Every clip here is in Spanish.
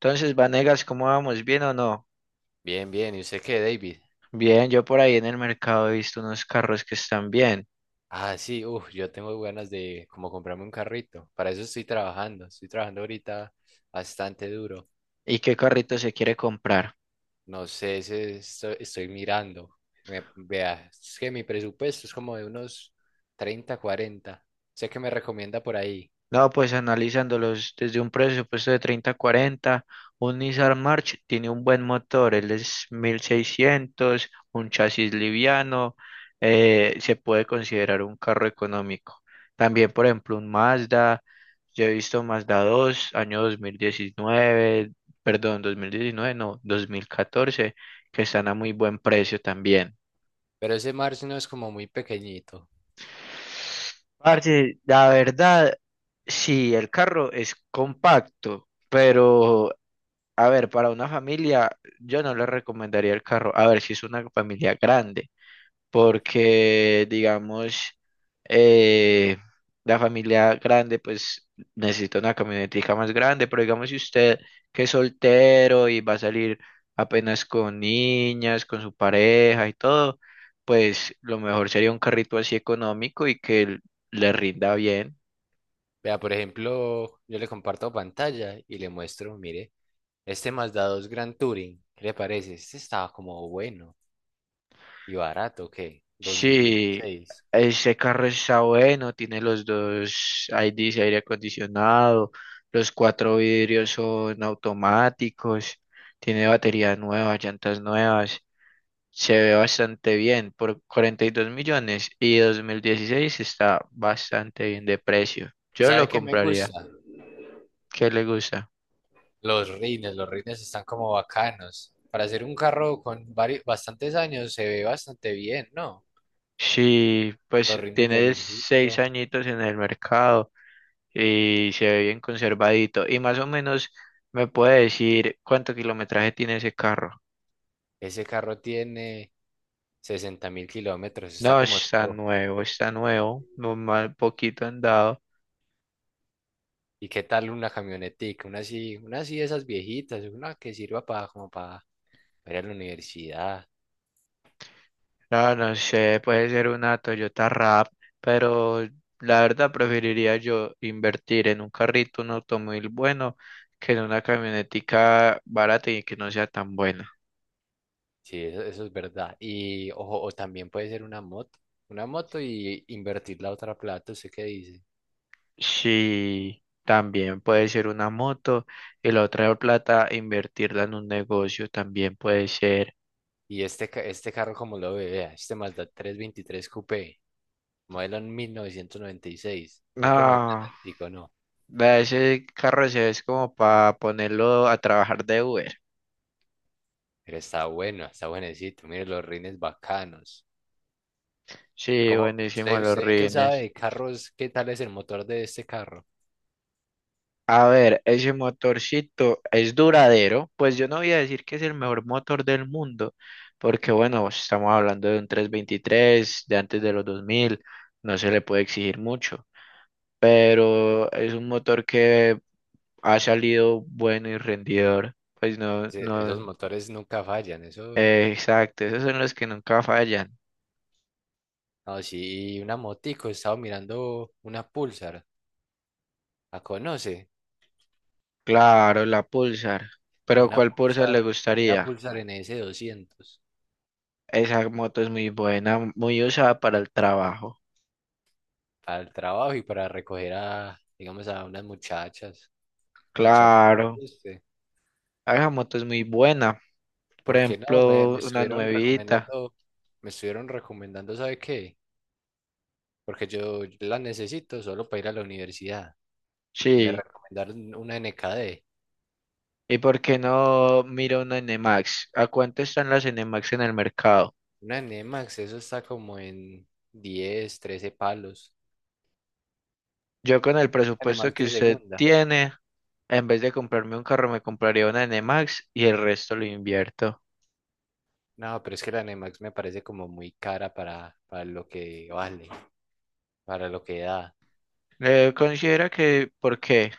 Entonces, Vanegas, ¿cómo vamos? ¿Bien o no? Bien, bien. ¿Y usted qué, David? Bien, yo por ahí en el mercado he visto unos carros que están bien. Ah, sí, uff, yo tengo ganas de como comprarme un carrito. Para eso estoy trabajando. Estoy trabajando ahorita bastante duro. ¿Y qué carrito se quiere comprar? No sé si estoy mirando. Vea, es que mi presupuesto es como de unos 30 40. Sé que me recomienda por ahí. No, pues analizándolos desde un presupuesto de 30 a 40, un Nissan March tiene un buen motor, él es 1600, un chasis liviano, se puede considerar un carro económico. También, por ejemplo, un Mazda, yo he visto Mazda 2 año 2019, perdón, 2019 no, 2014, que están a muy buen precio también. Pero ese Mars no es como muy pequeñito. Parce, la verdad, sí, el carro es compacto, pero a ver, para una familia, yo no le recomendaría el carro. A ver, si es una familia grande, porque digamos, eh, la familia grande pues necesita una camionetica más grande, pero digamos si usted, que es soltero y va a salir apenas con niñas, con su pareja y todo, pues lo mejor sería un carrito así económico y que le rinda bien. Vea, por ejemplo, yo le comparto pantalla y le muestro, mire, este Mazda 2 Grand Touring. ¿Qué le parece? Este estaba como bueno. Y barato, ¿qué? dos mil Sí, dieciséis ese carro está bueno, tiene los dos IDs, aire acondicionado, los cuatro vidrios son automáticos, tiene batería nueva, llantas nuevas, se ve bastante bien por 42 millones, y 2016 está bastante bien de precio. ¿Y Yo sabe lo qué me compraría. gusta? ¿Qué le gusta? Los rines están como bacanos. Para hacer un carro con varios, bastantes años se ve bastante bien, ¿no? Sí, Los pues rines de tiene seis lujito. añitos en el mercado. Y se ve bien conservadito. Y más o menos me puede decir cuánto kilometraje tiene ese carro. Ese carro tiene 60.000 kilómetros, está No, como nuevo. Está nuevo, no mal, poquito andado. ¿Y qué tal una camionetica? Una así de esas viejitas, una que sirva para como para ir a la universidad. No, no sé, puede ser una Toyota Rap, pero la verdad preferiría yo invertir en un carrito, un automóvil bueno, que en una camionetica barata y que no sea tan buena. Sí, eso es verdad. Y ojo, o también puede ser una moto. Una moto y invertir la otra plata, ¿usted qué dice? Sí, también puede ser una moto, y la otra plata invertirla en un negocio, también puede ser. Y este carro, como lo ve, vea, este Mazda 323 Coupé, modelo en 1996. Es como No, galáctico, ¿no? vea, ese carro se es como para ponerlo a trabajar de Uber. Pero está bueno, está buenecito. Mire los rines bacanos. Sí, ¿Cómo, buenísimo usted, los usted qué sabe rines. de carros, qué tal es el motor de este carro? A ver, ese motorcito es duradero. Pues yo no voy a decir que es el mejor motor del mundo, porque bueno, pues, estamos hablando de un 323 de antes de los 2000, no se le puede exigir mucho, pero es un motor que ha salido bueno y rendidor. Pues no, no, Esos motores nunca fallan. Eso, exacto, esos son los que nunca fallan. no, sí, una motico. He estado mirando una Pulsar. ¿La conoce? Claro, la Pulsar. Pero Una ¿cuál Pulsar Pulsar, le una gustaría? Pulsar N S 200. Esa moto es muy buena, muy usada para el trabajo. Para el trabajo y para recoger a, digamos, a unas muchachas. La muchacha que me Claro, guste. esa moto es muy buena. Por Porque no, me ejemplo, una estuvieron nuevita. recomendando, me estuvieron recomendando, ¿sabe qué? Porque yo la necesito solo para ir a la universidad. Me Sí. recomendaron una N K D. ¿Y por qué no mira una NMAX? ¿A cuánto están las NMAX en el mercado? Una NMAX, eso está como en 10 13 palos. Yo con el Una presupuesto NMAX que de usted segunda. tiene, en vez de comprarme un carro, me compraría una NMAX y el resto lo invierto. No, pero es que la NMAX me parece como muy cara para lo que vale, para lo que da. Considera que, ¿por qué?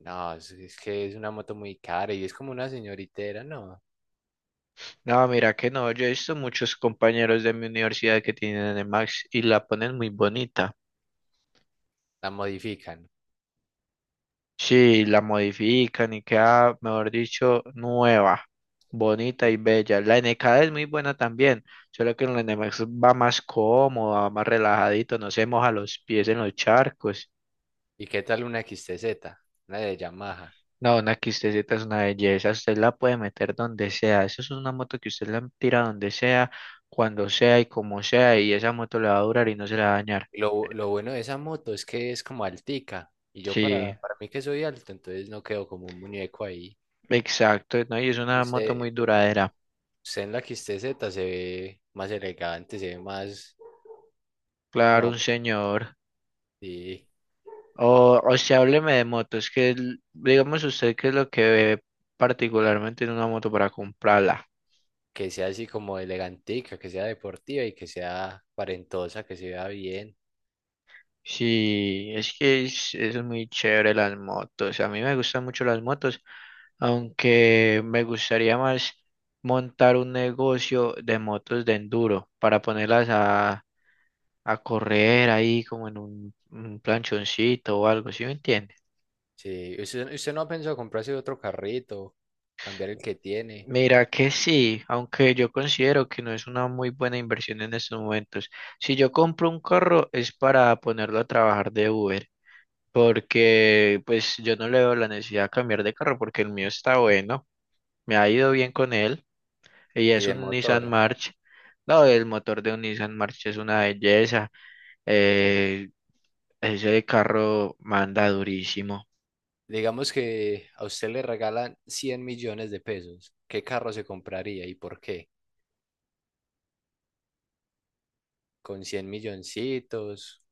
No, es que es una moto muy cara y es como una señoritera, no, No, mira que no, yo he visto muchos compañeros de mi universidad que tienen Nemax y la ponen muy bonita. la modifican. Sí, la modifican y queda, mejor dicho, nueva, bonita y bella. La N K es muy buena también, solo que la Nemax va más cómoda, más relajadito, no se moja los pies en los charcos. ¿Y qué tal una X T Z? Una de Yamaha. No, una XTZ es una belleza, usted la puede meter donde sea. Eso es una moto que usted la tira donde sea, cuando sea y como sea, y esa moto le va a durar y no se la va a dañar. Lo bueno de esa moto es que es como altica. Y yo para, Sí. para mí que soy alto, entonces no quedo como un muñeco ahí. Exacto, ¿no? Y es una moto Usted, muy duradera. usted en la X T Z se ve más elegante, se ve más... Claro, No, un señor. y O sea, hábleme de motos, que digamos usted qué es lo que ve particularmente en una moto para comprarla. que sea así como elegantica, que sea deportiva y que sea aparentosa, que se vea bien. Sí, es que es muy chévere las motos. A mí me gustan mucho las motos, aunque me gustaría más montar un negocio de motos de enduro para ponerlas a correr ahí como en un planchoncito o algo, ¿sí me entiende? Sí, ¿usted no ha pensado comprarse otro carrito, cambiar el que tiene Mira que sí, aunque yo considero que no es una muy buena inversión en estos momentos. Si yo compro un carro es para ponerlo a trabajar de Uber, porque pues yo no le veo la necesidad de cambiar de carro porque el mío está bueno, me ha ido bien con él y y es de un Nissan motor? March. No, el motor de un Nissan March es una belleza. eh, ese carro manda durísimo. Digamos que a usted le regalan 100 millones de pesos. ¿Qué carro se compraría y por qué? Con 100 milloncitos,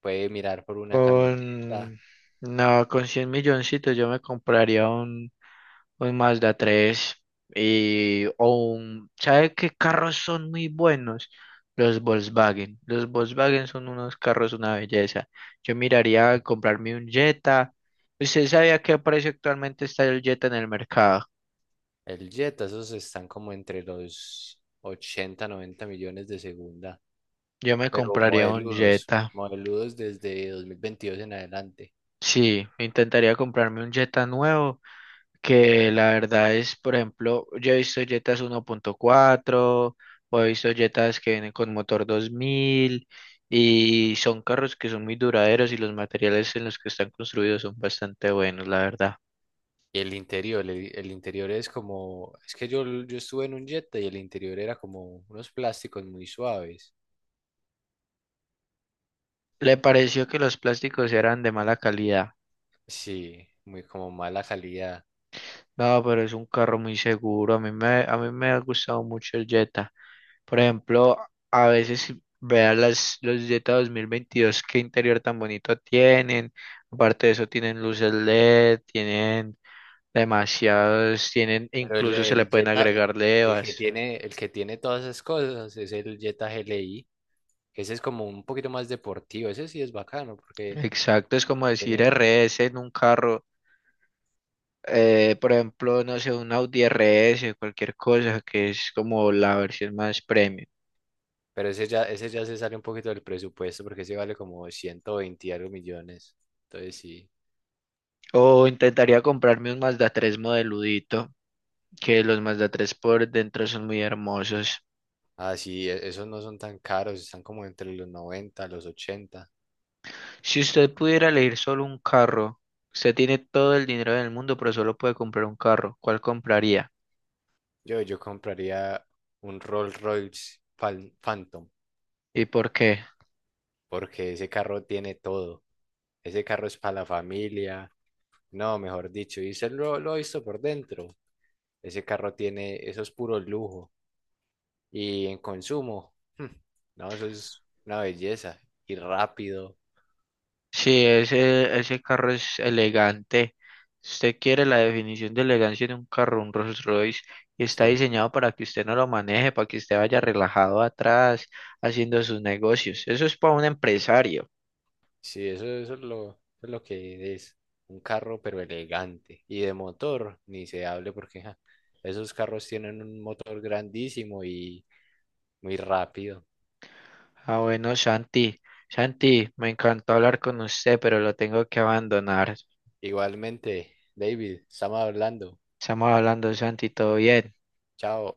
puede mirar por una camioneta. Con, no, con 100 milloncitos yo me compraría un Mazda 3 y, o un, ¿sabe qué carros son muy buenos? Los Volkswagen. Los Volkswagen son unos carros una belleza. Yo miraría a comprarme un Jetta. ¿Usted sabe a qué precio actualmente está el Jetta en el mercado? El Jetta, esos están como entre los 80 90 millones de segunda, Yo me pero compraría un modeludos, Jetta. modeludos desde 2022 en adelante. Sí, intentaría comprarme un Jetta nuevo que la verdad es, por ejemplo, yo he visto Jetas 1.4 o he visto Jetas que vienen con motor 2000, y son carros que son muy duraderos y los materiales en los que están construidos son bastante buenos, la verdad. Y el interior, el interior es como, es que yo estuve en un Jetta y el interior era como unos plásticos muy suaves. Le pareció que los plásticos eran de mala calidad. Sí, muy como mala calidad. No, pero es un carro muy seguro. A mí me ha gustado mucho el Jetta. Por ejemplo, a veces vean los Jetta 2022, qué interior tan bonito tienen. Aparte de eso, tienen luces LED, tienen demasiados, tienen, Pero el, incluso se le el pueden Jetta, agregar el que levas. tiene, el que tiene todas esas cosas es el Jetta GLI, que ese es como un poquito más deportivo, ese sí es bacano porque Exacto, es como decir tiene, RS en un carro. Por ejemplo, no sé, un Audi RS, cualquier cosa que es como la versión más premium. pero ese ya se sale un poquito del presupuesto porque ese vale como 120 y algo millones. Entonces sí, O intentaría comprarme un Mazda 3 modeludito, que los Mazda 3 por dentro son muy hermosos. ah sí, esos no son tan caros, están como entre los 90 los ochenta. Si usted pudiera elegir solo un carro, usted tiene todo el dinero del mundo, pero solo puede comprar un carro. ¿Cuál compraría? Yo compraría un Rolls Royce Phantom ¿Y por qué? porque ese carro tiene todo. Ese carro es para la familia. No, mejor dicho, y lo he visto por dentro. Ese carro tiene, eso es puro lujo. Y en consumo, no, eso es una belleza. Y rápido. Si ese carro es elegante, si usted quiere la definición de elegancia de un carro, un Rolls Royce, y está Sí, diseñado para que usted no lo maneje, para que usted vaya relajado atrás haciendo sus negocios. Eso es para un empresario. sí, eso, eso es lo que es. Un carro, pero elegante. Y de motor, ni se hable porque ja, esos carros tienen un motor grandísimo y muy rápido. Ah, bueno, Santi. Santi, me encantó hablar con usted, pero lo tengo que abandonar. Igualmente, David, estamos hablando. Estamos hablando, Santi, todo bien. Chao.